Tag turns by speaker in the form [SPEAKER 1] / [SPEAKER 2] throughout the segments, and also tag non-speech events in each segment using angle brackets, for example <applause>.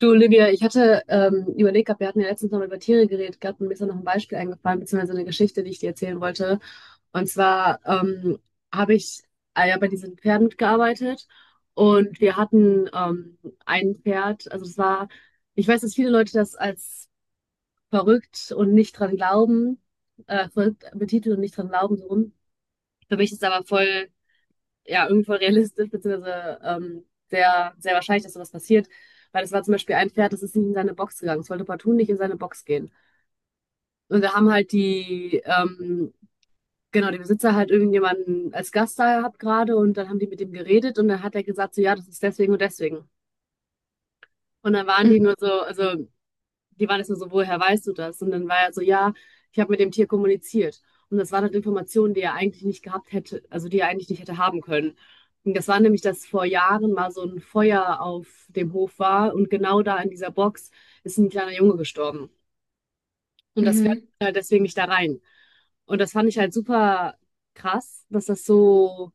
[SPEAKER 1] Du, Olivia, ich hatte überlegt gehabt. Wir hatten ja letztens noch mal über Tiere geredet gehabt und mir ist dann noch ein Beispiel eingefallen, beziehungsweise eine Geschichte, die ich dir erzählen wollte. Und zwar habe ich ja bei diesen Pferden mitgearbeitet und wir hatten ein Pferd. Also das war, ich weiß, dass viele Leute das als verrückt und nicht dran glauben, verrückt betiteln und nicht dran glauben, so rum. Für mich ist es aber voll, ja, irgendwo realistisch, beziehungsweise sehr, sehr wahrscheinlich, dass sowas passiert. Weil es war zum Beispiel ein Pferd, das ist nicht in seine Box gegangen. Es wollte partout nicht in seine Box gehen. Und wir haben halt genau, die Besitzer halt irgendjemanden als Gast da gehabt gerade, und dann haben die mit ihm geredet und dann hat er gesagt, so ja, das ist deswegen und deswegen. Und dann waren die nur so, also die waren jetzt nur so, woher weißt du das? Und dann war er so, ja, ich habe mit dem Tier kommuniziert. Und das waren halt Informationen, die er eigentlich nicht gehabt hätte, also die er eigentlich nicht hätte haben können. Und das war nämlich, dass vor Jahren mal so ein Feuer auf dem Hof war und genau da in dieser Box ist ein kleiner Junge gestorben. Und das fährt
[SPEAKER 2] Mhm.
[SPEAKER 1] halt deswegen nicht da rein. Und das fand ich halt super krass, dass das so,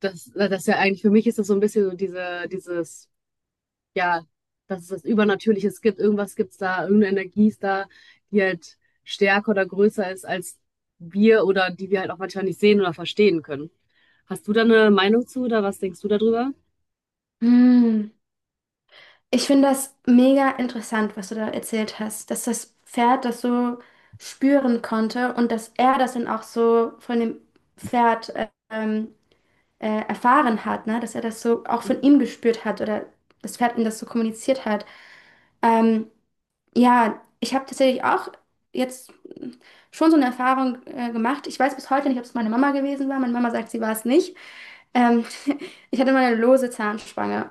[SPEAKER 1] dass, dass ja, eigentlich für mich ist das so ein bisschen so dieses ja, dass es das Übernatürliches gibt. Irgendwas gibt's da, irgendeine Energie ist da, die halt stärker oder größer ist als wir oder die wir halt auch manchmal nicht sehen oder verstehen können. Hast du da eine Meinung zu oder was denkst du darüber?
[SPEAKER 2] Hm. Ich finde das mega interessant, was du da erzählt hast, dass das Pferd das so spüren konnte und dass er das dann auch so von dem Pferd erfahren hat, ne? Dass er das so auch von ihm
[SPEAKER 1] <laughs>
[SPEAKER 2] gespürt hat oder das Pferd ihm das so kommuniziert hat. Ähm, ja, ich habe tatsächlich auch jetzt schon so eine Erfahrung gemacht. Ich weiß bis heute nicht, ob es meine Mama gewesen war. Meine Mama sagt, sie war es nicht. Ähm, <laughs> Ich hatte mal eine lose Zahnspange.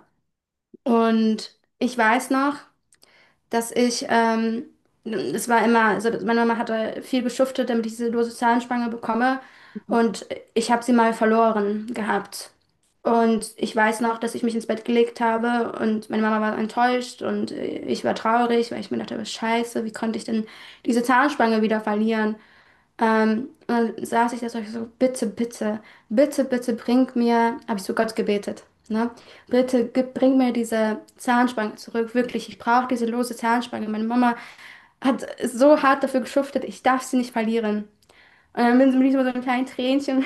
[SPEAKER 2] Und ich weiß noch, dass ich, es war immer, also meine Mama hatte viel geschuftet, damit ich diese lose Zahnspange bekomme. Und ich habe sie mal verloren gehabt. Und ich weiß noch, dass ich mich ins Bett gelegt habe und meine Mama war enttäuscht und ich war traurig, weil ich mir dachte, was scheiße, wie konnte ich denn diese Zahnspange wieder verlieren? Und dann saß ich da so, ich so, bitte, bitte, bitte, bitte bring mir, habe ich zu Gott gebetet, ne? Bitte gib, bring mir diese Zahnspange zurück, wirklich, ich brauche diese lose Zahnspange. Meine Mama hat so hart dafür geschuftet, ich darf sie nicht verlieren. Und dann bin ich mit so einem kleinen Tränchen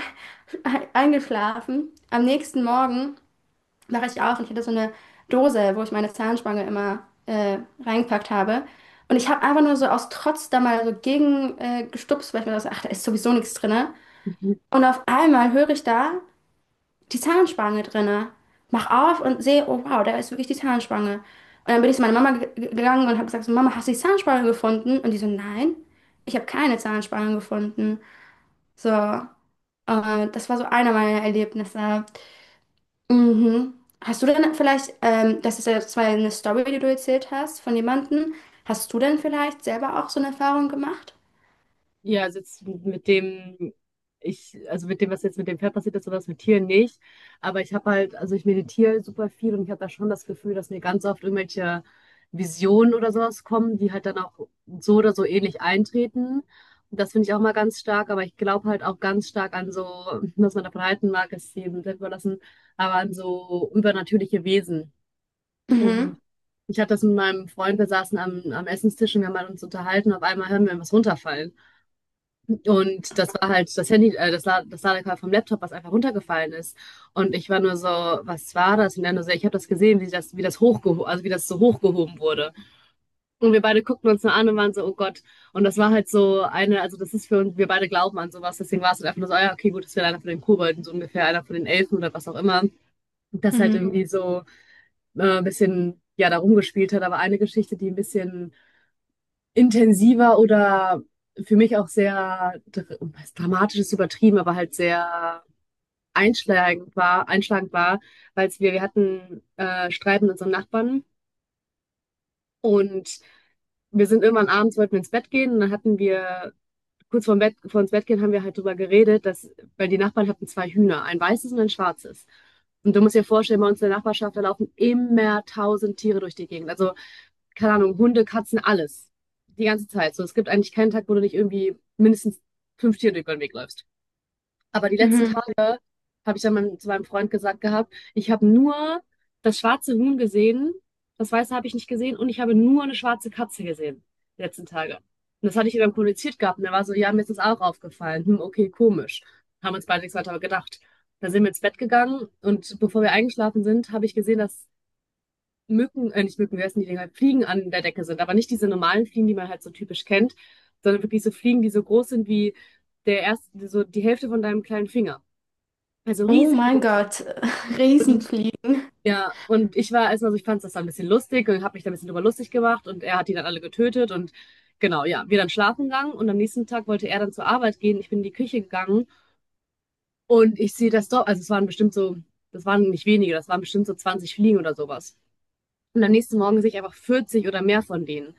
[SPEAKER 2] <laughs> eingeschlafen. Am nächsten Morgen wache ich auf und ich hatte so eine Dose, wo ich meine Zahnspange immer äh, reingepackt habe. Und ich habe einfach nur so aus Trotz da mal so gegen gestupst, weil ich mir dachte, ach, da ist sowieso nichts drinne.
[SPEAKER 1] Mhm.
[SPEAKER 2] Und auf einmal höre ich da die Zahnspange drinne. Mach auf und sehe, oh wow, da ist wirklich die Zahnspange. Und dann bin ich zu meiner Mama gegangen und habe gesagt, so, Mama, hast du die Zahnspange gefunden? Und die so, nein, ich habe keine Zahnspange gefunden. So, das war so einer meiner Erlebnisse. Mhm. Hast du denn vielleicht, das ist ja zwar eine Story, die du erzählt hast von jemandem, hast du denn vielleicht selber auch so eine Erfahrung gemacht?
[SPEAKER 1] Ja, also jetzt mit dem, ich, also mit dem, was jetzt mit dem Pferd passiert ist oder was mit Tieren, nicht. Aber ich habe halt, also ich meditiere super viel und ich habe da schon das Gefühl, dass mir ganz oft irgendwelche Visionen oder sowas kommen, die halt dann auch so oder so ähnlich eintreten. Und das finde ich auch mal ganz stark, aber ich glaube halt auch ganz stark an so, was man davon halten mag, ist jedem selbst überlassen, aber an so übernatürliche Wesen. Und
[SPEAKER 2] Mhm.
[SPEAKER 1] ich hatte das mit meinem Freund, wir saßen am Essenstisch und wir haben halt uns unterhalten, auf einmal hören wir was runterfallen. Und das war halt das Handy, das, La- das Ladekabel vom Laptop, was einfach runtergefallen ist. Und ich war nur so, was war das? Und er nur so, ich habe das gesehen, wie das hochgehoben, also wie das so hochgehoben wurde. Und wir beide guckten uns nur an und waren so, oh Gott. Und das war halt so eine, also das ist für uns, wir beide glauben an sowas, deswegen war es halt einfach nur so, ah ja, okay, gut, das wäre einer von den Kobolden, so ungefähr, einer von den Elfen oder was auch immer. Das halt
[SPEAKER 2] Mhm.
[SPEAKER 1] irgendwie so ein bisschen, ja, da rumgespielt hat. Aber eine Geschichte, die ein bisschen intensiver oder für mich auch dramatisch ist, übertrieben, aber halt sehr einschlagend war, weil wir hatten Streit mit unserem Nachbarn und wir sind irgendwann abends, wollten wir ins Bett gehen, und dann hatten wir kurz vorm Bett, vor ins Bett gehen, haben wir halt drüber geredet, dass, weil die Nachbarn hatten zwei Hühner, ein weißes und ein schwarzes. Und du musst dir vorstellen, bei uns in der Nachbarschaft, da laufen immer tausend Tiere durch die Gegend. Also, keine Ahnung, Hunde, Katzen, alles. Die ganze Zeit. So, es gibt eigentlich keinen Tag, wo du nicht irgendwie mindestens fünf Tiere über den Weg läufst. Aber die letzten
[SPEAKER 2] Mhm.
[SPEAKER 1] Tage habe ich dann mein, zu meinem Freund gesagt gehabt, ich habe nur das schwarze Huhn gesehen, das weiße habe ich nicht gesehen und ich habe nur eine schwarze Katze gesehen, die letzten Tage. Und das hatte ich ihm dann kommuniziert gehabt und er war so, ja, mir ist das auch aufgefallen. Hm, okay, komisch. Haben uns beide nichts weiter gedacht. Da sind wir ins Bett gegangen und bevor wir eingeschlafen sind, habe ich gesehen, dass nicht Mücken, wie heißen die Dinger, Fliegen an der Decke sind, aber nicht diese normalen Fliegen, die man halt so typisch kennt, sondern wirklich so Fliegen, die so groß sind wie so die Hälfte von deinem kleinen Finger. Also
[SPEAKER 2] Oh mein
[SPEAKER 1] riesengroß.
[SPEAKER 2] Gott, <laughs>
[SPEAKER 1] Und
[SPEAKER 2] Riesenfliegen.
[SPEAKER 1] ja, und ich war erstmal so, ich fand das dann ein bisschen lustig und habe mich da ein bisschen drüber lustig gemacht und er hat die dann alle getötet und genau, ja, wir dann schlafen gegangen und am nächsten Tag wollte er dann zur Arbeit gehen. Ich bin in die Küche gegangen und ich sehe das doch, also es waren bestimmt so, das waren nicht wenige, das waren bestimmt so 20 Fliegen oder sowas. Und am nächsten Morgen sehe ich einfach 40 oder mehr von denen.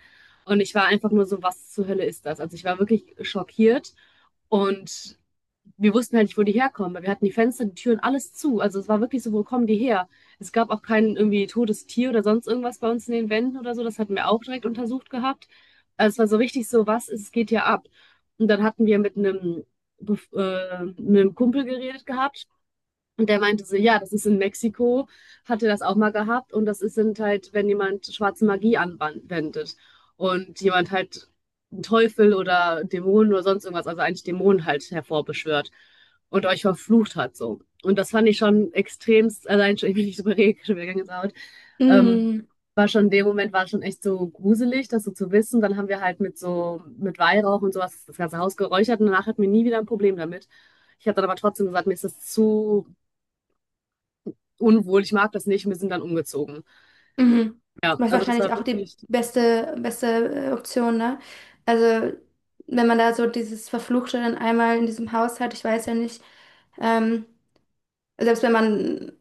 [SPEAKER 1] Und ich war einfach nur so, was zur Hölle ist das? Also ich war wirklich schockiert und wir wussten halt nicht, wo die herkommen, weil wir hatten die Fenster, die Türen, alles zu. Also es war wirklich so, wo kommen die her? Es gab auch kein irgendwie totes Tier oder sonst irgendwas bei uns in den Wänden oder so. Das hatten wir auch direkt untersucht gehabt. Also es war so richtig so, was ist, es geht hier ab? Und dann hatten wir mit mit einem Kumpel geredet gehabt. Und der meinte so, ja, das ist in Mexiko, hatte das auch mal gehabt, und das ist sind halt, wenn jemand schwarze Magie anwendet und jemand halt einen Teufel oder Dämonen oder sonst irgendwas, also eigentlich Dämonen halt hervorbeschwört und euch verflucht hat so. Und das fand ich schon extremst, allein schon, ich bin nicht drüber reden, schon wieder Gänsehaut. Ähm,
[SPEAKER 2] Mhm.
[SPEAKER 1] war schon in dem Moment, war schon echt so gruselig, das so zu wissen. Dann haben wir halt mit so, mit Weihrauch und sowas das ganze Haus geräuchert und danach hatten wir nie wieder ein Problem damit. Ich habe dann aber trotzdem gesagt, mir ist das zu unwohl, ich mag das nicht, und wir sind dann umgezogen.
[SPEAKER 2] Mhm.
[SPEAKER 1] Ja,
[SPEAKER 2] Was
[SPEAKER 1] also das
[SPEAKER 2] wahrscheinlich
[SPEAKER 1] war
[SPEAKER 2] auch die
[SPEAKER 1] wirklich,
[SPEAKER 2] beste Option, ne? Also, wenn man da so dieses Verfluchte dann einmal in diesem Haus hat, ich weiß ja nicht, ähm, selbst wenn man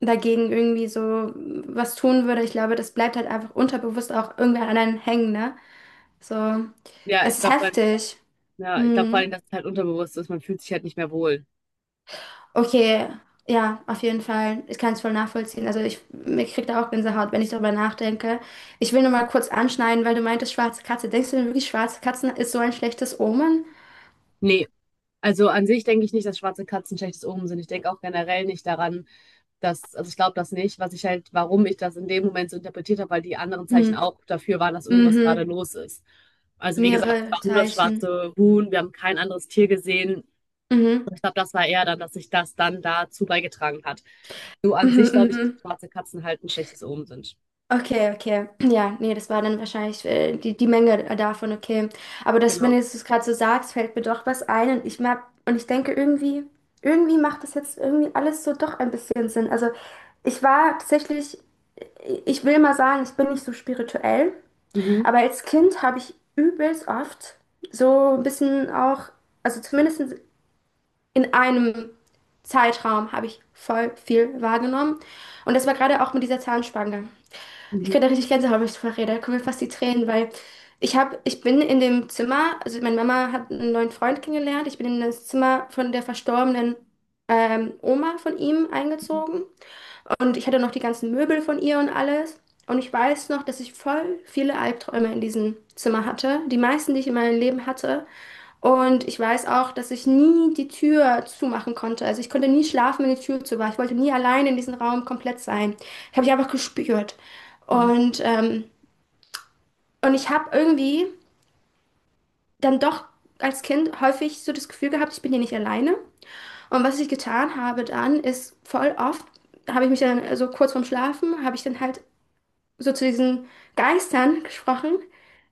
[SPEAKER 2] dagegen irgendwie so was tun würde. Ich glaube, das bleibt halt einfach unterbewusst auch irgendwer an einem hängen, ne? So,
[SPEAKER 1] ja, ich
[SPEAKER 2] es ist
[SPEAKER 1] glaube,
[SPEAKER 2] heftig.
[SPEAKER 1] ja, ich glaube vor
[SPEAKER 2] Hm.
[SPEAKER 1] allem, dass es halt unterbewusst ist, man fühlt sich halt nicht mehr wohl.
[SPEAKER 2] Okay, ja, auf jeden Fall. Ich kann es voll nachvollziehen. Also ich, mir kriegt da auch Gänsehaut, wenn ich darüber nachdenke. Ich will nur mal kurz anschneiden, weil du meintest, schwarze Katze. Denkst du denn wirklich, schwarze Katzen ist so ein schlechtes Omen?
[SPEAKER 1] Nee, also an sich denke ich nicht, dass schwarze Katzen schlechtes Omen sind. Ich denke auch generell nicht daran, dass, also ich glaube das nicht, was ich halt, warum ich das in dem Moment so interpretiert habe, weil die anderen Zeichen
[SPEAKER 2] Hm.
[SPEAKER 1] auch dafür waren, dass irgendwas gerade
[SPEAKER 2] Mhm.
[SPEAKER 1] los ist. Also wie gesagt, es
[SPEAKER 2] Mehrere
[SPEAKER 1] war nur das
[SPEAKER 2] Zeichen.
[SPEAKER 1] schwarze Huhn, wir haben kein anderes Tier gesehen.
[SPEAKER 2] Mhm.
[SPEAKER 1] Ich glaube, das war eher dann, dass sich das dann dazu beigetragen hat. So an
[SPEAKER 2] Mhm.
[SPEAKER 1] sich glaube ich, dass
[SPEAKER 2] Mhm.
[SPEAKER 1] schwarze Katzen halt ein schlechtes Omen sind.
[SPEAKER 2] Okay, okay. Ja, nee, das war dann wahrscheinlich die, die Menge davon, okay. Aber das, wenn
[SPEAKER 1] Genau.
[SPEAKER 2] du es gerade so sagst, fällt mir doch was ein und ich mag, und ich denke irgendwie, irgendwie macht das jetzt irgendwie alles so doch ein bisschen Sinn. Also ich war tatsächlich, ich will mal sagen, ich bin nicht so spirituell,
[SPEAKER 1] Mhm.
[SPEAKER 2] aber als Kind habe ich übelst oft so ein bisschen auch, also zumindest in einem Zeitraum habe ich voll viel wahrgenommen. Und das war gerade auch mit dieser Zahnspange. Ich
[SPEAKER 1] Mhm.
[SPEAKER 2] könnte richtig Gänsehaut, wenn ich darüber rede. Da kommen mir fast die Tränen, weil ich habe, ich bin in dem Zimmer, also meine Mama hat einen neuen Freund kennengelernt. Ich bin in das Zimmer von der verstorbenen Oma von ihm eingezogen. Und ich hatte noch die ganzen Möbel von ihr und alles. Und ich weiß noch, dass ich voll viele Albträume in diesem Zimmer hatte. Die meisten, die ich in meinem Leben hatte. Und ich weiß auch, dass ich nie die Tür zumachen konnte. Also ich konnte nie schlafen, wenn die Tür zu war. Ich wollte nie allein in diesem Raum komplett sein. Ich habe ich einfach gespürt.
[SPEAKER 1] Mhm.
[SPEAKER 2] Und, und ich habe irgendwie dann doch als Kind häufig so das Gefühl gehabt, ich bin hier nicht alleine. Und was ich getan habe dann, ist voll oft, habe ich mich dann so kurz vorm Schlafen, habe ich dann halt so zu diesen Geistern gesprochen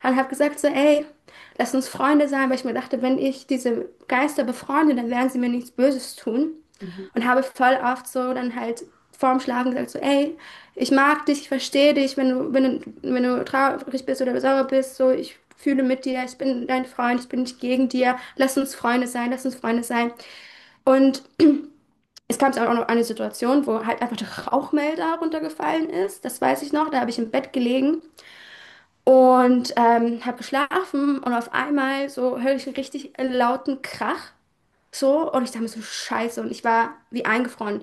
[SPEAKER 2] und habe gesagt so, ey, lass uns Freunde sein, weil ich mir dachte, wenn ich diese Geister befreunde, dann werden sie mir nichts Böses tun.
[SPEAKER 1] Mhm.
[SPEAKER 2] Und habe voll oft so dann halt vorm Schlafen gesagt so, ey, ich mag dich, ich verstehe dich, wenn du traurig bist oder sauer bist, so, ich fühle mit dir, ich bin dein Freund, ich bin nicht gegen dir, lass uns Freunde sein. Und es kam auch noch eine Situation, wo halt einfach der Rauchmelder runtergefallen ist. Das weiß ich noch. Da habe ich im Bett gelegen und habe geschlafen und auf einmal so höre ich einen richtig lauten Krach. So, und ich dachte mir so, Scheiße, und ich war wie eingefroren.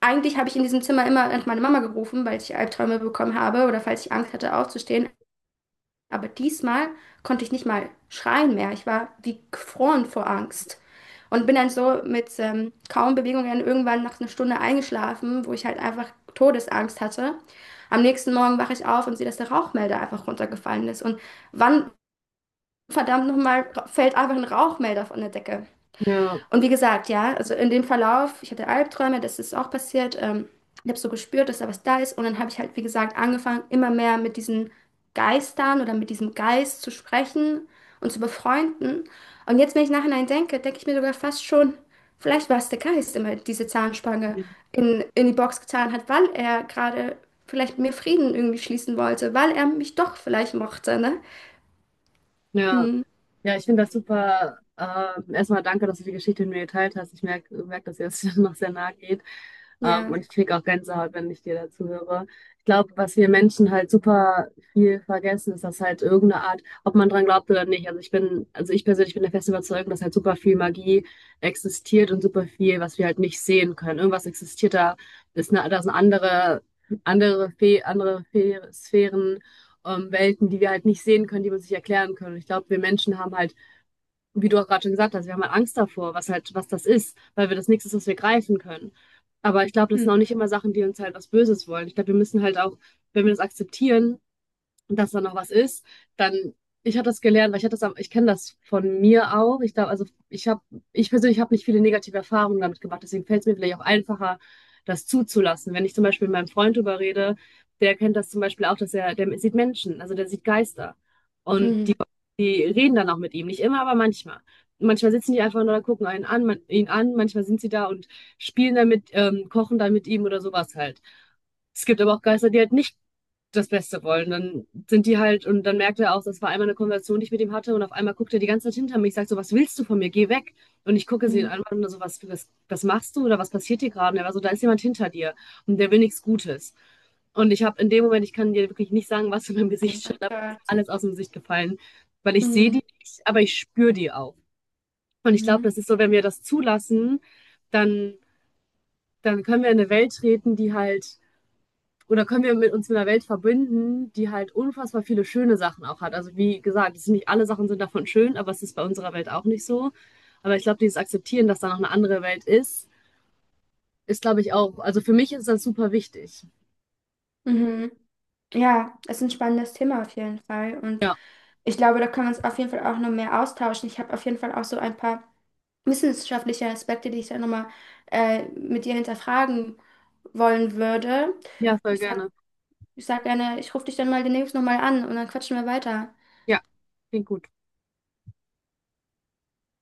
[SPEAKER 2] Eigentlich habe ich in diesem Zimmer immer an meine Mama gerufen, weil ich Albträume bekommen habe oder falls ich Angst hatte aufzustehen. Aber diesmal konnte ich nicht mal schreien mehr. Ich war wie gefroren vor Angst. Und bin dann so mit kaum Bewegungen irgendwann nach einer Stunde eingeschlafen, wo ich halt einfach Todesangst hatte. Am nächsten Morgen wache ich auf und sehe, dass der Rauchmelder einfach runtergefallen ist. Und wann, verdammt nochmal, fällt einfach ein Rauchmelder von der Decke?
[SPEAKER 1] Ja.
[SPEAKER 2] Und wie gesagt, ja, also in dem Verlauf, ich hatte Albträume, das ist auch passiert. Ich habe so gespürt, dass da was da ist. Und dann habe ich halt, wie gesagt, angefangen, immer mehr mit diesen Geistern oder mit diesem Geist zu sprechen und zu befreunden. Und jetzt, wenn ich nachhinein denke, denke ich mir sogar fast schon, vielleicht war es der Geist, der mir diese Zahnspange in die Box getan hat, weil er gerade vielleicht mit mir Frieden irgendwie schließen wollte, weil er mich doch vielleicht mochte, ne?
[SPEAKER 1] Ja.
[SPEAKER 2] Hm,
[SPEAKER 1] Ja, ich finde das super. Erstmal danke, dass du die Geschichte mit mir geteilt hast. Ich merke, merk, merk, dass ihr es <laughs> noch sehr nahe geht.
[SPEAKER 2] ja.
[SPEAKER 1] Und ich kriege auch Gänsehaut, wenn ich dir dazu höre. Ich glaube, was wir Menschen halt super viel vergessen, ist, dass halt irgendeine Art, ob man dran glaubt oder nicht. Also ich bin, also ich persönlich bin der festen Überzeugung, dass halt super viel Magie existiert und super viel, was wir halt nicht sehen können. Irgendwas existiert da, ist eine, da sind andere, andere Fe Sphären, Welten, die wir halt nicht sehen können, die wir uns nicht erklären können. Ich glaube, wir Menschen haben halt, wie du auch gerade schon gesagt hast, wir haben halt Angst davor, was halt, was das ist, weil wir das nichts ist, was wir greifen können. Aber ich glaube, das
[SPEAKER 2] Hm,
[SPEAKER 1] sind auch nicht immer Sachen, die uns halt was Böses wollen. Ich glaube, wir müssen halt auch, wenn wir das akzeptieren, und dass da noch was ist, dann, ich habe das gelernt, weil ich hatte das, ich kenne das von mir auch. Ich glaube, also ich habe, ich persönlich habe nicht viele negative Erfahrungen damit gemacht, deswegen fällt es mir vielleicht auch einfacher, das zuzulassen. Wenn ich zum Beispiel mit meinem Freund drüber rede, der kennt das zum Beispiel auch, dass er, der sieht Menschen, also der sieht Geister. Und
[SPEAKER 2] mhm,
[SPEAKER 1] die reden dann auch mit ihm, nicht immer, aber manchmal. Manchmal sitzen die einfach nur da, gucken ihn an, manchmal sind sie da und spielen damit, kochen dann mit ihm oder sowas halt. Es gibt aber auch Geister, die halt nicht das Beste wollen. Dann sind die halt, und dann merkt er auch, das war einmal eine Konversation, die ich mit ihm hatte, und auf einmal guckt er die ganze Zeit hinter mich, sagt so, was willst du von mir? Geh weg. Und ich gucke sie
[SPEAKER 2] mhm.
[SPEAKER 1] an und so, was machst du oder was passiert dir gerade? Und er war so, da ist jemand hinter dir und der will nichts Gutes. Und ich habe in dem Moment, ich kann dir wirklich nicht sagen, was in meinem
[SPEAKER 2] Oh
[SPEAKER 1] Gesicht
[SPEAKER 2] mein
[SPEAKER 1] stand, aber mir ist
[SPEAKER 2] Gott.
[SPEAKER 1] alles aus dem Gesicht gefallen, weil ich sehe die
[SPEAKER 2] Mhm,
[SPEAKER 1] nicht, aber ich spüre die auch. Und ich glaube,
[SPEAKER 2] mhm.
[SPEAKER 1] das ist so, wenn wir das zulassen, dann, dann können wir in eine Welt treten, die halt, oder können wir mit uns mit einer Welt verbinden, die halt unfassbar viele schöne Sachen auch hat. Also wie gesagt, es sind nicht alle Sachen sind davon schön, aber es ist bei unserer Welt auch nicht so. Aber ich glaube, dieses Akzeptieren, dass da noch eine andere Welt ist, ist, glaube ich, auch, also für mich ist das super wichtig.
[SPEAKER 2] Mhm. Ja, es ist ein spannendes Thema auf jeden Fall. Und
[SPEAKER 1] Ja,
[SPEAKER 2] ich glaube, da können wir uns auf jeden Fall auch noch mehr austauschen. Ich habe auf jeden Fall auch so ein paar wissenschaftliche Aspekte, die ich dann nochmal mit dir hinterfragen wollen würde.
[SPEAKER 1] ja, voll
[SPEAKER 2] Ich sag,
[SPEAKER 1] gerne.
[SPEAKER 2] ich sag gerne, ich rufe dich dann mal demnächst nochmal an und dann quatschen wir weiter.
[SPEAKER 1] Ja, klingt gut.